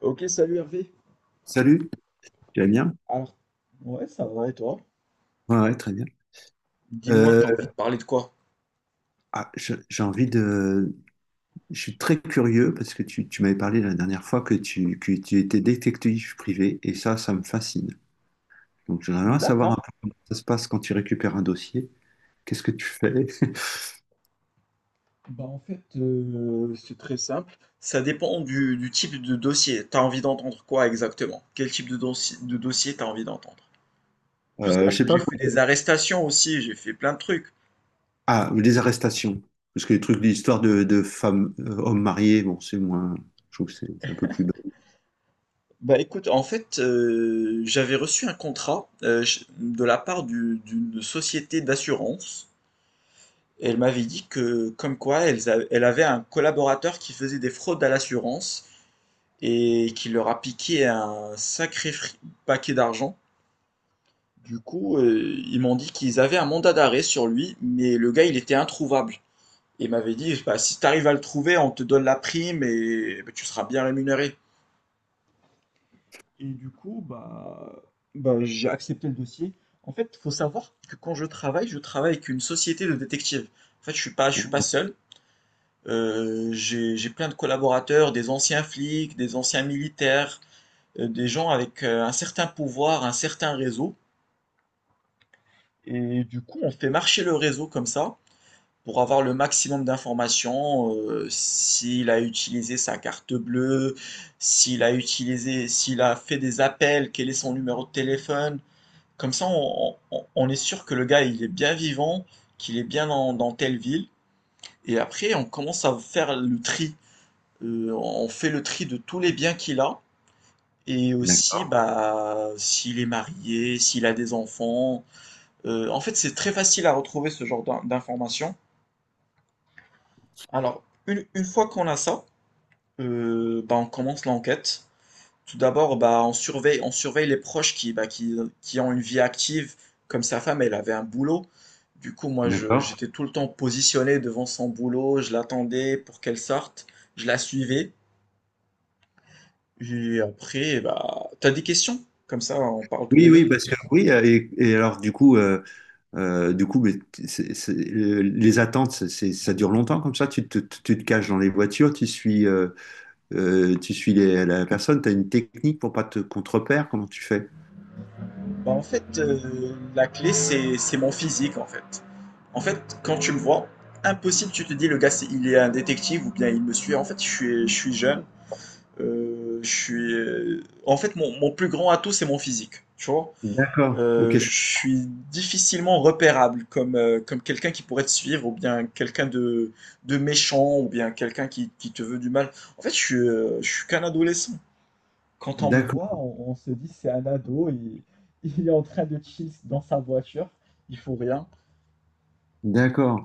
OK, salut Hervé. Salut, tu vas bien? Alors, ouais, ça va et toi? Ouais, ouais, très bien. Dis-moi, t'as Euh, envie de parler de quoi? ah, j'ai envie de. Je suis très curieux parce que tu m'avais parlé la dernière fois que tu, étais détective privé et ça me fascine. Donc, j'aimerais bien savoir D'accord. un peu comment ça se passe quand tu récupères un dossier. Qu'est-ce que tu fais? Bah en fait, c'est très simple. Ça dépend du type de dossier. T'as envie d'entendre quoi exactement? Quel type de dossier t'as envie d'entendre? Tu sais, Je parce sais que pas. j'ai fait des arrestations aussi, j'ai fait plein de trucs. Ah, les arrestations. Parce que les trucs, l'histoire de femmes, hommes mariés, bon, c'est moins. Je trouve que c'est un peu plus. Bah écoute, en fait, j'avais reçu un contrat de la part d'une société d'assurance. Elle m'avait dit que, comme quoi, elle avait un collaborateur qui faisait des fraudes à l'assurance, et qui leur a piqué un paquet d'argent. Du coup, ils m'ont dit qu'ils avaient un mandat d'arrêt sur lui, mais le gars, il était introuvable. Et il m'avait dit, bah, si tu arrives à le trouver, on te donne la prime et bah, tu seras bien rémunéré. Et du coup, bah, j'ai accepté le dossier. En fait, il faut savoir que quand je travaille avec une société de détectives. En fait, je suis pas seul. J'ai plein de collaborateurs, des anciens flics, des anciens militaires, des gens avec un certain pouvoir, un certain réseau. Et du coup, on fait marcher le réseau comme ça pour avoir le maximum d'informations, s'il a utilisé sa carte bleue, s'il a fait des appels, quel est son numéro de téléphone. Comme ça, on est sûr que le gars, il est bien vivant, qu'il est bien dans telle ville. Et après, on commence à faire le tri. On fait le tri de tous les biens qu'il a. Et aussi, D'accord. bah, s'il est marié, s'il a des enfants. En fait, c'est très facile à retrouver ce genre d'informations. Alors, une fois qu'on a ça, bah, on commence l'enquête. Tout d'abord, bah, on surveille les proches qui ont une vie active, comme sa femme, elle avait un boulot. Du coup, moi, D'accord. j'étais tout le temps positionné devant son boulot, je l'attendais pour qu'elle sorte, je la suivais. Et après, bah, t'as des questions? Comme ça, on parle tous les Oui, oui, deux. parce que oui, et, alors du coup, mais les attentes, ça dure longtemps comme ça. Tu te caches dans les voitures, tu suis la personne. Tu as une technique pour pas te contrepère. Comment tu fais? Bah, en fait, la clé, c'est mon physique, en fait. En fait, quand tu me vois, impossible, tu te dis: «Le gars, c'est il est un détective ou bien il me suit». En fait, je suis jeune, en fait, mon plus grand atout, c'est mon physique, tu vois? D'accord. Ok. Je- Je suis difficilement repérable comme, comme quelqu'un qui pourrait te suivre ou bien quelqu'un de méchant ou bien quelqu'un qui te veut du mal. En fait, je suis qu'un adolescent. Quand on me voit, D'accord. On se dit c'est un ado, il est en train de chill dans sa voiture, il faut rien. D'accord.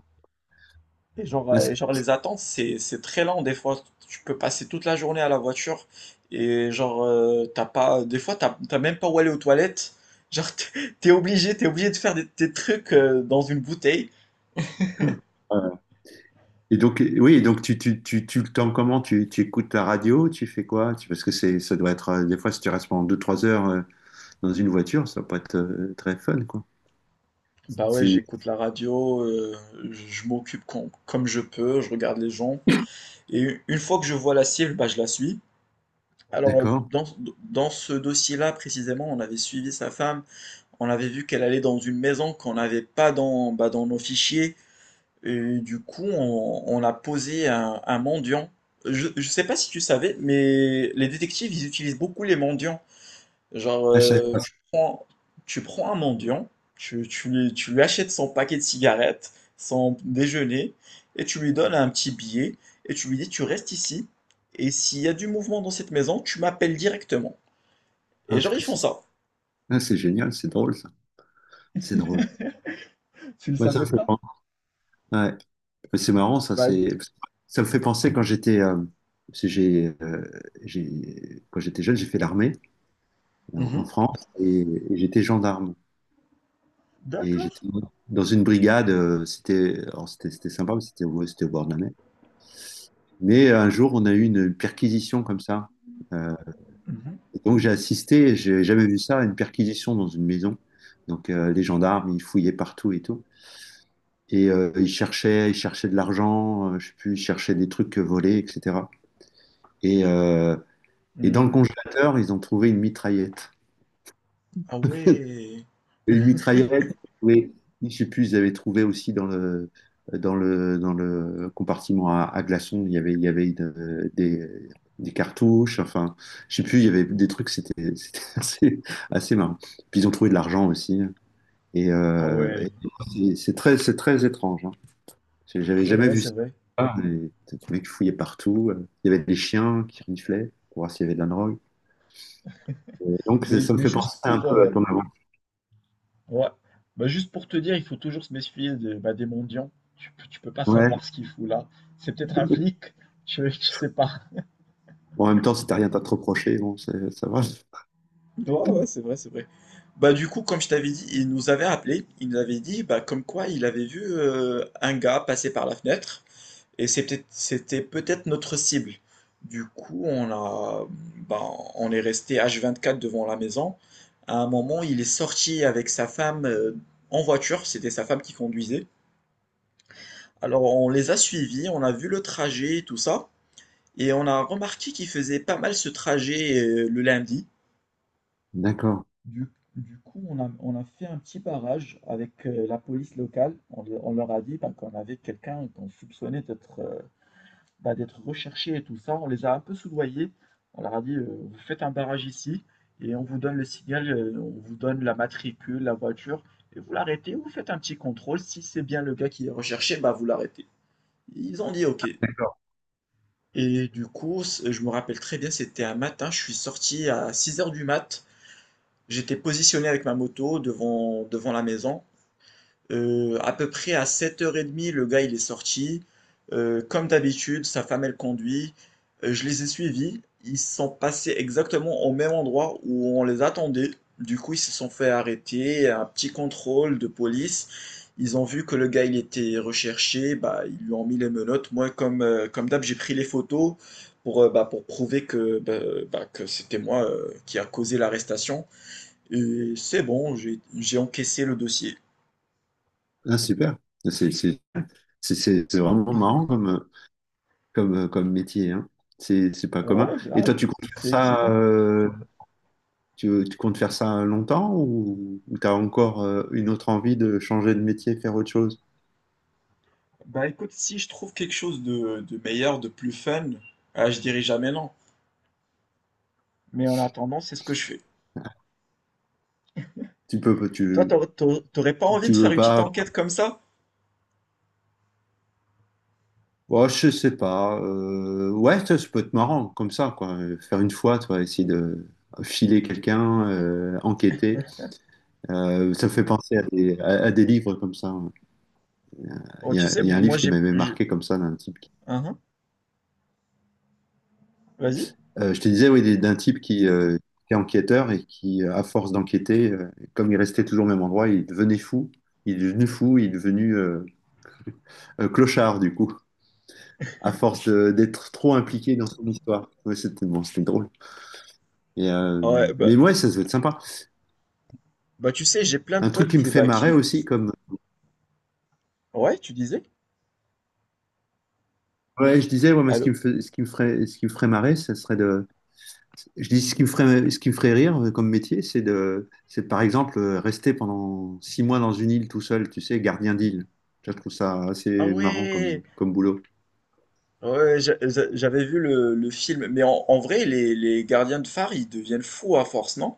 Et genre, Ah, c'est- les attentes, c'est très lent des fois. Tu peux passer toute la journée à la voiture et genre, t'as pas, des fois, t'as même pas où aller aux toilettes. Genre, t'es obligé de faire des trucs dans une bouteille. euh, Et donc, oui, donc tu le temps comment? Tu écoutes la radio? Tu fais quoi? Parce que c'est, ça doit être, des fois, si tu restes pendant 2 3 heures dans une voiture, ça peut être très fun, quoi. Bah ouais, C'est, j'écoute la radio, je comme je peux, je regarde les gens. Et une fois que je vois la cible, bah je la suis. Alors, d'accord. Dans ce dossier-là, précisément, on avait suivi sa femme. On avait vu qu'elle allait dans une maison qu'on n'avait pas dans, bah, dans nos fichiers. Et du coup, on a posé un mendiant. Je ne sais pas si tu savais, mais les détectives, ils utilisent beaucoup les mendiants. Genre, Ah, je savais pas ça. Tu prends un mendiant, tu lui achètes son paquet de cigarettes, son déjeuner, et tu lui donnes un petit billet, et tu lui dis: «Tu restes ici, et s'il y a du mouvement dans cette maison, tu m'appelles directement», et Ah, c'est genre, ils que font c'est- ça. ah, c'est génial, c'est drôle, ça. C'est drôle. Tu le Bah ça me savais fait pas? penser. Ouais. Mais c'est marrant, ça, Bah. c'est... Ça me fait penser quand j'étais parce que quand j'étais jeune, j'ai fait l'armée en Mmh, France et, j'étais gendarme. Et d'accord. j'étais dans une brigade, c'était alors, c'était sympa, mais c'était au bord de la mer. Mais un jour, on a eu une perquisition comme ça. Euh, Mmh mh. et donc j'ai assisté, j'ai jamais vu ça, à une perquisition dans une maison. Donc les gendarmes, ils fouillaient partout et tout. Et ils cherchaient de l'argent, je sais plus, ils cherchaient des trucs volés, etc. Et, euh, et dans le Mmh. congélateur, ils ont trouvé une mitraillette. Ah ouais! Et une mitraillette, oui, je sais plus, ils avaient trouvé aussi dans le compartiment à glaçons, il y avait des cartouches, enfin, je sais plus, il y avait des trucs, c'était assez, assez marrant. Puis ils ont trouvé de l'argent aussi. Et, Ah euh, et ouais! c'est très, c'est très étrange, hein. J'avais C'est jamais vrai, vu c'est ça. vrai. Ah. Les mecs qui fouillaient partout. Il y avait des chiens qui reniflaient pour voir s'il y avait de la drogue. Et donc, Mais ça me mais fait juste penser un pour, peu à heu ton avant. ouais. Bah, juste pour te dire, il faut toujours se méfier de- bah, des mendiants. Tu peux pas savoir ce qu'il fout là. C'est peut-être un flic, tu sais pas. Bon, en même temps, si t'as rien à te reprocher, bon, ça va. Ouais, ouais, c'est vrai, c'est vrai. Bah, du coup, comme je t'avais dit, il nous avait appelé, il nous avait dit, bah, comme quoi il avait vu un gars passer par la fenêtre, et c'était peut-être notre cible. Du coup, bah, on est resté H24 devant la maison. À un moment, il est sorti avec sa femme en voiture, c'était sa femme qui conduisait. Alors on les a suivis, on a vu le trajet, tout ça, et on a remarqué qu'ils faisaient pas mal ce trajet le lundi. D'accord. Du, du coup, on a fait un petit barrage avec la police locale. On leur a dit bah, qu'on avait quelqu'un qu'on soupçonnait d'être d'être recherché et tout ça. On les a un peu soudoyés. On leur a dit, vous faites un barrage ici et on vous donne le signal, on vous donne la matricule, la voiture, et vous l'arrêtez, vous faites un petit contrôle. Si c'est bien le gars qui est recherché, bah, vous l'arrêtez. Ils ont dit OK. D'accord. Et du coup, je me rappelle très bien, c'était un matin, je suis sorti à 6 heures du mat. J'étais positionné avec ma moto devant la maison. À peu près à 7 h 30, le gars il est sorti. Comme d'habitude, sa femme elle conduit. Je les ai suivis. Ils sont passés exactement au même endroit où on les attendait. Du coup, ils se sont fait arrêter, un petit contrôle de police. Ils ont vu que le gars il était recherché, bah, ils lui ont mis les menottes. Moi, comme, comme d'hab, j'ai pris les photos pour, pour prouver que, bah, que c'était moi qui a causé l'arrestation. Et c'est bon, j'ai encaissé le dossier. Ah, super. C'est c'est- c'est- c'est vraiment marrant comme, comme métier, hein. C'est pas commun. Ouais, Et toi, grave. tu comptes faire C'est ça, excitant. Tu comptes faire ça longtemps ou, tu as encore une autre envie de changer de métier, faire autre chose? Bah écoute, si je trouve quelque chose de meilleur, de plus fun, ah, je dirais jamais non. Mais en attendant, c'est ce que je fais. Tu peux, Toi, tu, t'aurais pas envie Tu de faire veux une petite pas enquête comme ça? ouais je sais pas. Ouais, ça peut être marrant, comme ça, quoi. Faire une fois, tu vois, essayer de filer quelqu'un, enquêter. Ça me fait penser à des, à des livres comme ça. Oh, tu sais, Il y a un moi livre qui j'ai... m'avait j'ai- marqué comme ça, d'un type qui... Hein, hein. Vas-y. Je te disais, oui, d'un type qui est enquêteur et qui, à force d'enquêter, comme il restait toujours au même endroit, il devenait fou. Il est devenu fou, il est devenu clochard, du coup, à force d'être trop impliqué dans son histoire. Ouais, c'était bon, c'était drôle. Et, euh, Ouais, bah, mais ouais, ça doit être sympa. bah tu sais, j'ai plein de Un truc potes qui me fait Bah, marrer qui... aussi, comme Ouais, tu disais? ouais, je disais, ouais, moi, ce qui Allô? me fait- ce qui me ferait, ce qui me ferait marrer, ça serait de, je dis ce qui me ferait rire comme métier, c'est de, c'est par exemple rester pendant 6 mois dans une île tout seul, tu sais, gardien d'île. Je trouve ça Ah assez marrant ouais! comme, comme boulot. Ouais, j'avais vu le film. Mais en vrai, les gardiens de phare, ils deviennent fous à force, non?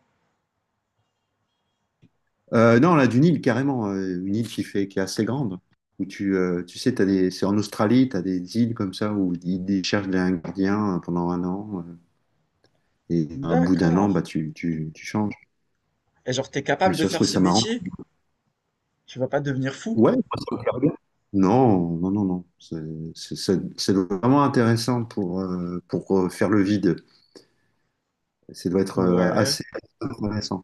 Non, là, d'une île carrément, une île qui fait, qui est assez grande, où tu, tu sais, t'as des, c'est en Australie, tu as des îles comme ça où ils cherchent un gardien pendant un an, et à bout d'un an, D'accord. bah tu changes. Et genre, t'es Et capable de ça, je faire trouve ce ça marrant. métier? Tu vas pas devenir fou? Ouais, non, non, non, non. C'est vraiment intéressant pour faire le vide. Ça doit être Ouais, assez intéressant.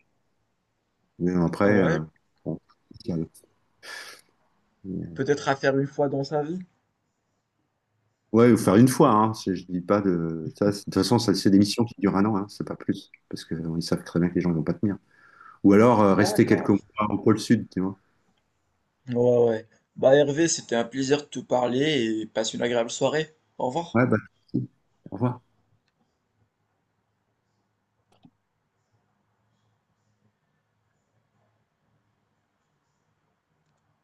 Mais après, ouais, bon, c'est calme. Mais, peut-être à faire une fois dans sa vie. ouais, ou faire une fois. Hein, je dis pas de ça, de toute façon, ça, c'est des missions qui durent un an, hein, c'est pas plus. Parce qu'ils savent très bien que les gens ne vont pas tenir. Ou alors rester quelques D'accord. mois au pôle sud, tu vois. Ouais, ouais. Bah Hervé, c'était un plaisir de te parler et passe une agréable soirée. Au revoir. Ouais, bah, au revoir.